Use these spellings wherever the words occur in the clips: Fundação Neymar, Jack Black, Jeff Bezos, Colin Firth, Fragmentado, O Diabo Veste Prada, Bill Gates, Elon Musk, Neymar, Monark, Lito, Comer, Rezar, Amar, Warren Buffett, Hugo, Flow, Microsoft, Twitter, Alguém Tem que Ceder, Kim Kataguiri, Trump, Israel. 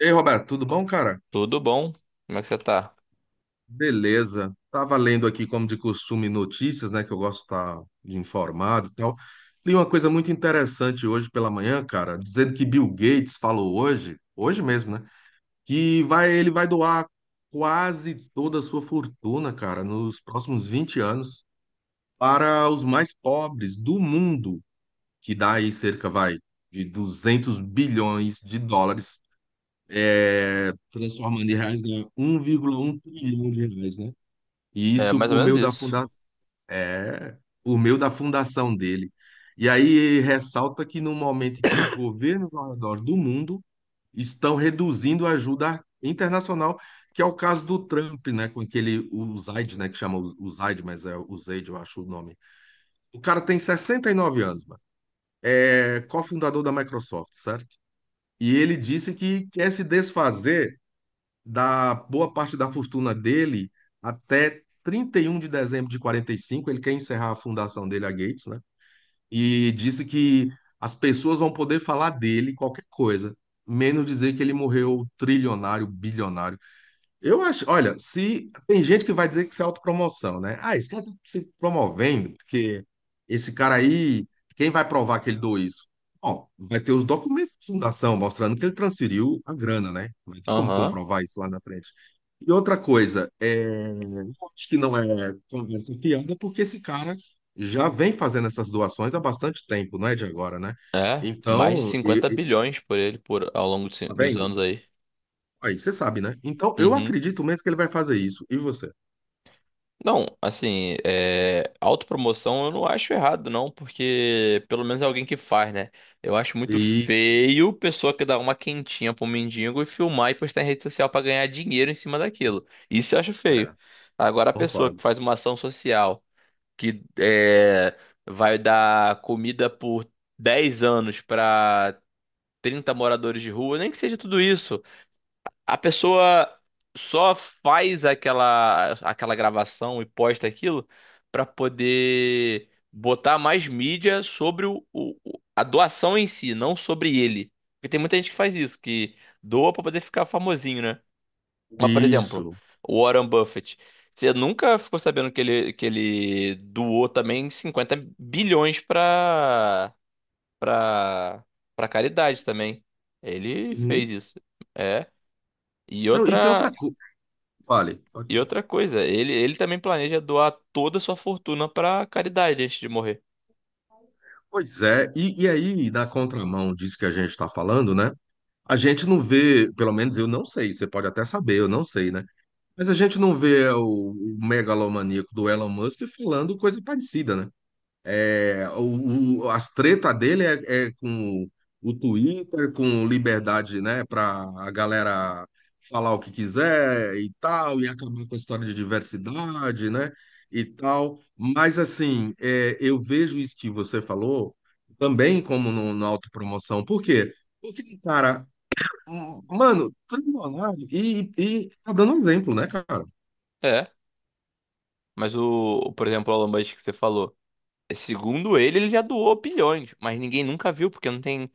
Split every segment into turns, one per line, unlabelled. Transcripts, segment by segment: Ei, Roberto, tudo bom, cara?
Tudo bom? Como é que você tá?
Beleza. Tava lendo aqui, como de costume, notícias, né? Que eu gosto de estar de informado e tal. Li uma coisa muito interessante hoje pela manhã, cara, dizendo que Bill Gates falou hoje, hoje mesmo, né? Ele vai doar quase toda a sua fortuna, cara, nos próximos 20 anos para os mais pobres do mundo, que dá aí cerca, vai, de US$ 200 bilhões, transformando em reais, dá 1,1 trilhão de reais, né? E
É
isso
mais ou
por
menos
meio da
isso.
funda... é, por meio da fundação dele. E aí ressalta que no momento em que os governos ao redor do mundo estão reduzindo a ajuda internacional, que é o caso do Trump, né, com aquele o Zaid, né, que chama o Zaid, mas é o Zaid, eu acho o nome. O cara tem 69 anos, mano. É cofundador da Microsoft, certo? E ele disse que quer se desfazer da boa parte da fortuna dele até 31 de dezembro de 45. Ele quer encerrar a fundação dele, a Gates, né? E disse que as pessoas vão poder falar dele qualquer coisa, menos dizer que ele morreu trilionário, bilionário. Eu acho, olha, se tem gente que vai dizer que isso é autopromoção, né? Ah, esse cara tá se promovendo, porque esse cara aí, quem vai provar que ele doou isso? Bom, vai ter os documentos de fundação mostrando que ele transferiu a grana, né? Vai ter como
Aham.
comprovar isso lá na frente. E outra coisa, eu acho que não é conversa fiada, porque esse cara já vem fazendo essas doações há bastante tempo, não é de agora, né?
É, mais de
Então,
50 bilhões por ele ao longo dos
tá
dos
vendo?
anos aí.
Aí você sabe, né? Então, eu
Uhum.
acredito mesmo que ele vai fazer isso. E você?
Não, assim, autopromoção eu não acho errado, não, porque pelo menos é alguém que faz, né? Eu acho muito
Isso,
feio pessoa que dá uma quentinha pro mendigo e filmar e postar em rede social pra ganhar dinheiro em cima daquilo. Isso eu acho feio.
é,
Agora, a pessoa
concordo.
que faz uma ação social, que é, vai dar comida por 10 anos para 30 moradores de rua, nem que seja tudo isso. A pessoa só faz aquela gravação e posta aquilo para poder botar mais mídia sobre a doação em si, não sobre ele. Porque tem muita gente que faz isso, que doa para poder ficar famosinho, né, mas, por exemplo,
Isso.
o Warren Buffett. Você nunca ficou sabendo que ele doou também 50 bilhões pra, pra caridade também. Ele
Uhum.
fez isso. É. E
Não, e tem outra
outra,
coisa. Fale. Pode
e
falar.
outra coisa, ele também planeja doar toda a sua fortuna pra caridade antes de morrer.
Pois é, e aí, na contramão disso que a gente está falando, né? A gente não vê, pelo menos eu não sei, você pode até saber, eu não sei, né? Mas a gente não vê o megalomaníaco do Elon Musk falando coisa parecida, né? É, as treta dele é com o Twitter, com liberdade, né, para a galera falar o que quiser e tal, e acabar com a história de diversidade, né, e tal. Mas, assim, eu vejo isso que você falou também como no, na autopromoção. Por quê? Porque, cara, mano, trilionário e tá dando um exemplo, né, cara?
É. Mas por exemplo, o Elon Musk que você falou. Segundo ele já doou bilhões, mas ninguém nunca viu, porque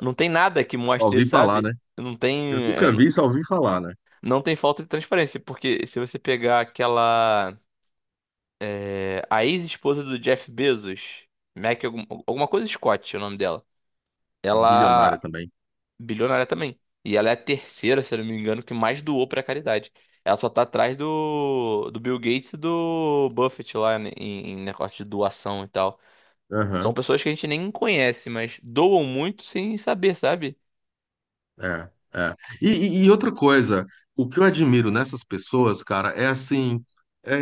não tem nada que
Só
mostre,
ouvi falar,
sabe?
né?
Não
Eu
tem.
nunca vi, só ouvi falar, né?
Não tem falta de transparência, porque se você pegar aquela, a ex-esposa do Jeff Bezos, Mac, alguma coisa Scott, é o nome dela.
Bilionária
Ela.
também.
Bilionária também. E ela é a terceira, se eu não me engano, que mais doou pra caridade. Ela só tá atrás do Bill Gates e do Buffett lá, né, em, em negócio de doação e tal. São
Aham.
pessoas que a gente nem conhece, mas doam muito sem saber, sabe?
É, é. E outra coisa, o que eu admiro nessas pessoas, cara, é assim, é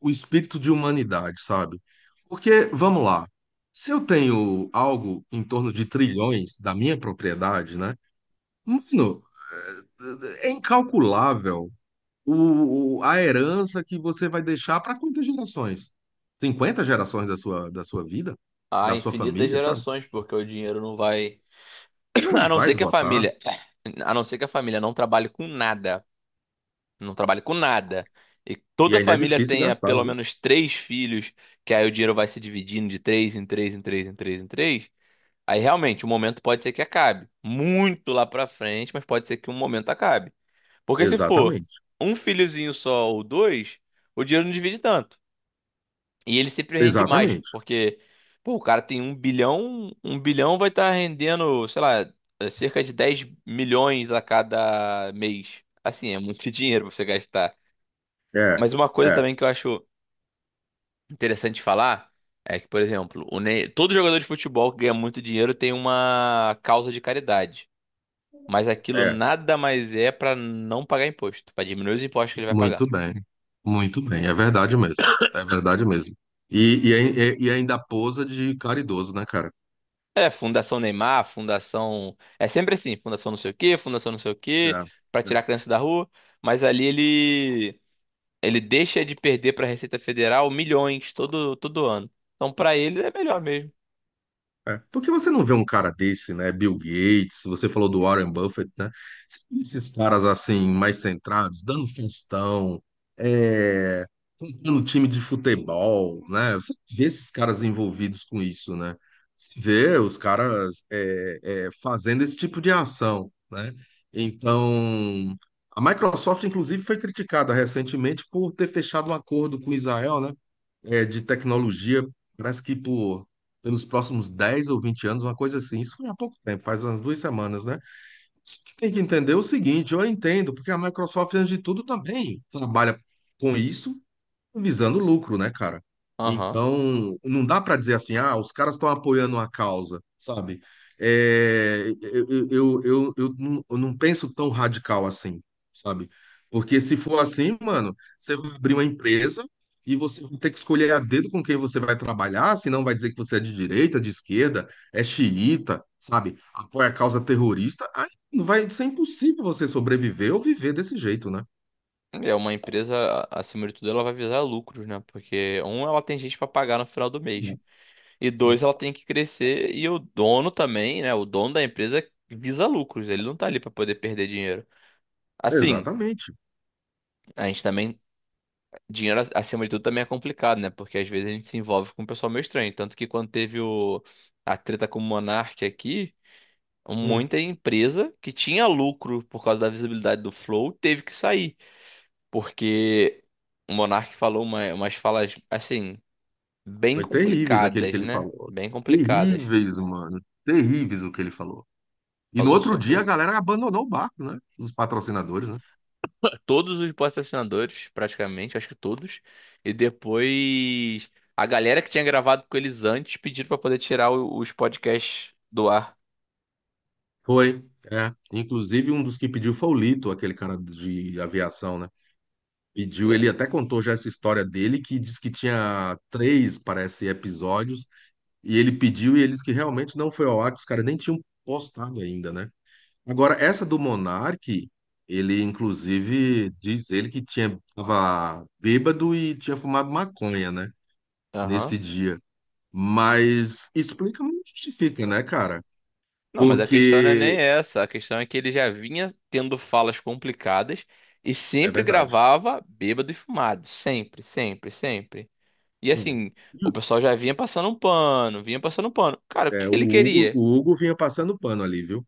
o espírito de humanidade, sabe? Porque, vamos lá, se eu tenho algo em torno de trilhões da minha propriedade, né? Mano, é incalculável a herança que você vai deixar para quantas gerações? 50 gerações da sua vida,
Há
da sua
infinitas
família, sabe?
gerações, porque o dinheiro não vai.
Não
A não
vai
ser que a
esgotar.
família, a não ser que a família não trabalhe com nada, não trabalhe com nada, e
E
toda a
ainda é
família
difícil
tenha
gastar,
pelo
viu?
menos três filhos, que aí o dinheiro vai se dividindo de três em três em três em três em três, aí realmente o momento pode ser que acabe. Muito lá pra frente, mas pode ser que um momento acabe. Porque se for
Exatamente.
um filhozinho só ou dois, o dinheiro não divide tanto. E ele sempre rende mais,
Exatamente.
porque, pô, o cara tem 1 bilhão, 1 bilhão vai estar rendendo, sei lá, é cerca de 10 milhões a cada mês. Assim, é muito dinheiro pra você gastar.
É,
Mas uma coisa
é,
também que eu acho interessante falar é que, por exemplo, todo jogador de futebol que ganha muito dinheiro tem uma causa de caridade. Mas aquilo
é.
nada mais é pra não pagar imposto, pra diminuir os impostos que ele vai pagar.
Muito bem. Muito bem. É verdade mesmo. É verdade mesmo. E ainda posa de caridoso, né, cara?
É, Fundação Neymar, Fundação. É sempre assim, Fundação não sei o quê, Fundação não sei o quê, pra
É,
tirar a criança da rua. Mas ali ele deixa de perder pra Receita Federal milhões todo ano. Então pra ele é melhor mesmo.
é. Porque você não vê um cara desse, né? Bill Gates, você falou do Warren Buffett, né? Você vê esses caras assim, mais centrados, dando festão, é, comprando time de futebol, né? Você vê esses caras envolvidos com isso, né? Você vê os caras fazendo esse tipo de ação, né? Então, a Microsoft, inclusive, foi criticada recentemente por ter fechado um acordo com Israel, né? De tecnologia, parece que pelos próximos 10 ou 20 anos, uma coisa assim. Isso foi há pouco tempo, faz umas 2 semanas, né? Só que tem que entender o seguinte, eu entendo, porque a Microsoft, antes de tudo, também trabalha com isso visando lucro, né, cara?
Aham.
Então, não dá para dizer assim, ah, os caras estão apoiando uma causa, sabe? É, não, eu não penso tão radical assim, sabe? Porque se for assim, mano, você vai abrir uma empresa e você vai ter que escolher a dedo com quem você vai trabalhar, senão vai dizer que você é de direita, de esquerda, é xiita, sabe? Apoia a causa terrorista, aí vai ser impossível você sobreviver ou viver desse jeito, né?
É uma empresa, acima de tudo, ela vai visar lucros, né? Porque, um, ela tem gente pra pagar no final do mês. E
É, é.
dois, ela tem que crescer. E o dono também, né? O dono da empresa visa lucros. Ele não tá ali pra poder perder dinheiro. Assim,
Exatamente.
a gente também dinheiro acima de tudo também é complicado, né? Porque às vezes a gente se envolve com um pessoal meio estranho. Tanto que quando teve a treta com o Monark aqui,
Hum.
muita empresa que tinha lucro por causa da visibilidade do Flow teve que sair. Porque o Monark falou umas falas, assim, bem
Foi terríveis aquele que
complicadas,
ele
né?
falou.
Bem complicadas.
Terríveis, mano. Terríveis o que ele falou. E no
Falou
outro dia a
sobre
galera abandonou o barco, né? Os patrocinadores, né?
todos os patrocinadores, praticamente, acho que todos. E depois a galera que tinha gravado com eles antes pediram pra poder tirar os podcasts do ar.
Foi. É. Inclusive um dos que pediu foi o Lito, aquele cara de aviação, né? Pediu,
É.
ele até contou já essa história dele, que diz que tinha três, parece, episódios, e ele pediu e eles que realmente não foi ao ar, que os caras nem tinham postado ainda, né? Agora, essa do Monark, ele inclusive diz ele que tinha tava bêbado e tinha fumado maconha, né? Nesse
Aham.
dia. Mas explica, mas não justifica, né, cara?
Não, mas a questão não é nem
Porque
essa. A questão é que ele já vinha tendo falas complicadas e
é
sempre
verdade.
gravava bêbado e fumado. Sempre, sempre, sempre. E
Hum.
assim,
E
o
o-
pessoal já vinha passando um pano, vinha passando um pano. Cara, o que
É,
que
o
ele
Hugo,
queria?
o Hugo vinha passando pano ali, viu?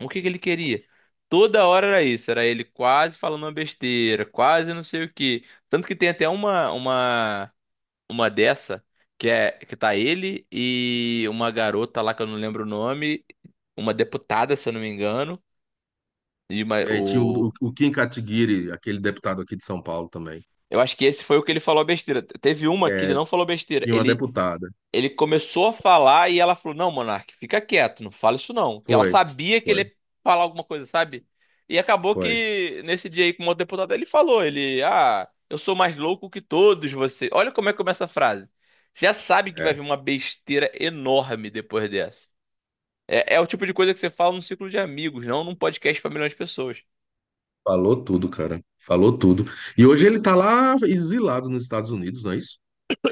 O que que ele queria? Toda hora era isso, era ele quase falando uma besteira, quase não sei o quê. Tanto que tem até uma dessa que é que tá ele e uma garota lá que eu não lembro o nome, uma deputada, se eu não me engano, e uma-
E aí tinha o,
o
o, o Kim Kataguiri, aquele deputado aqui de São Paulo também.
eu acho que esse foi o que ele falou a besteira. Teve uma que ele
É,
não falou besteira.
tinha uma deputada.
Ele começou a falar e ela falou: Não, Monark, fica quieto, não fala isso não. Porque ela
Foi,
sabia que ele
foi,
ia falar alguma coisa, sabe? E acabou
foi.
que nesse dia aí com o deputado ele falou: ah, eu sou mais louco que todos vocês. Olha como é que começa a frase. Você já sabe que
É,
vai vir uma besteira enorme depois dessa. É, é o tipo de coisa que você fala num círculo de amigos, não num podcast pra milhões de pessoas.
falou tudo, cara. Falou tudo. E hoje ele tá lá exilado nos Estados Unidos, não é isso?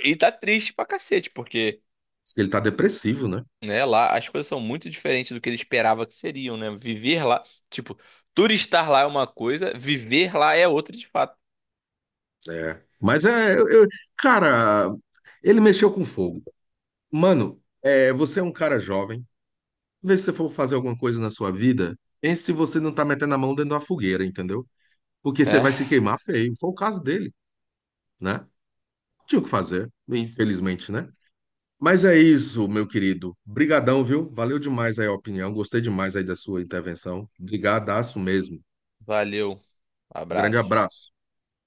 E tá triste pra cacete, porque,
Diz que ele tá depressivo, né?
né? Lá as coisas são muito diferentes do que ele esperava que seriam, né? Viver lá, tipo, turistar lá é uma coisa, viver lá é outra de fato.
É. Mas é, cara, ele mexeu com fogo. Mano, você é um cara jovem. Vê se você for fazer alguma coisa na sua vida, pense se você não tá metendo a mão dentro da fogueira, entendeu? Porque você
É,
vai se queimar feio. Foi o caso dele, né? Tinha o que fazer, infelizmente, né? Mas é isso, meu querido. Brigadão, viu? Valeu demais aí a opinião. Gostei demais aí da sua intervenção. Brigadaço mesmo.
valeu.
Grande
Abraço.
abraço.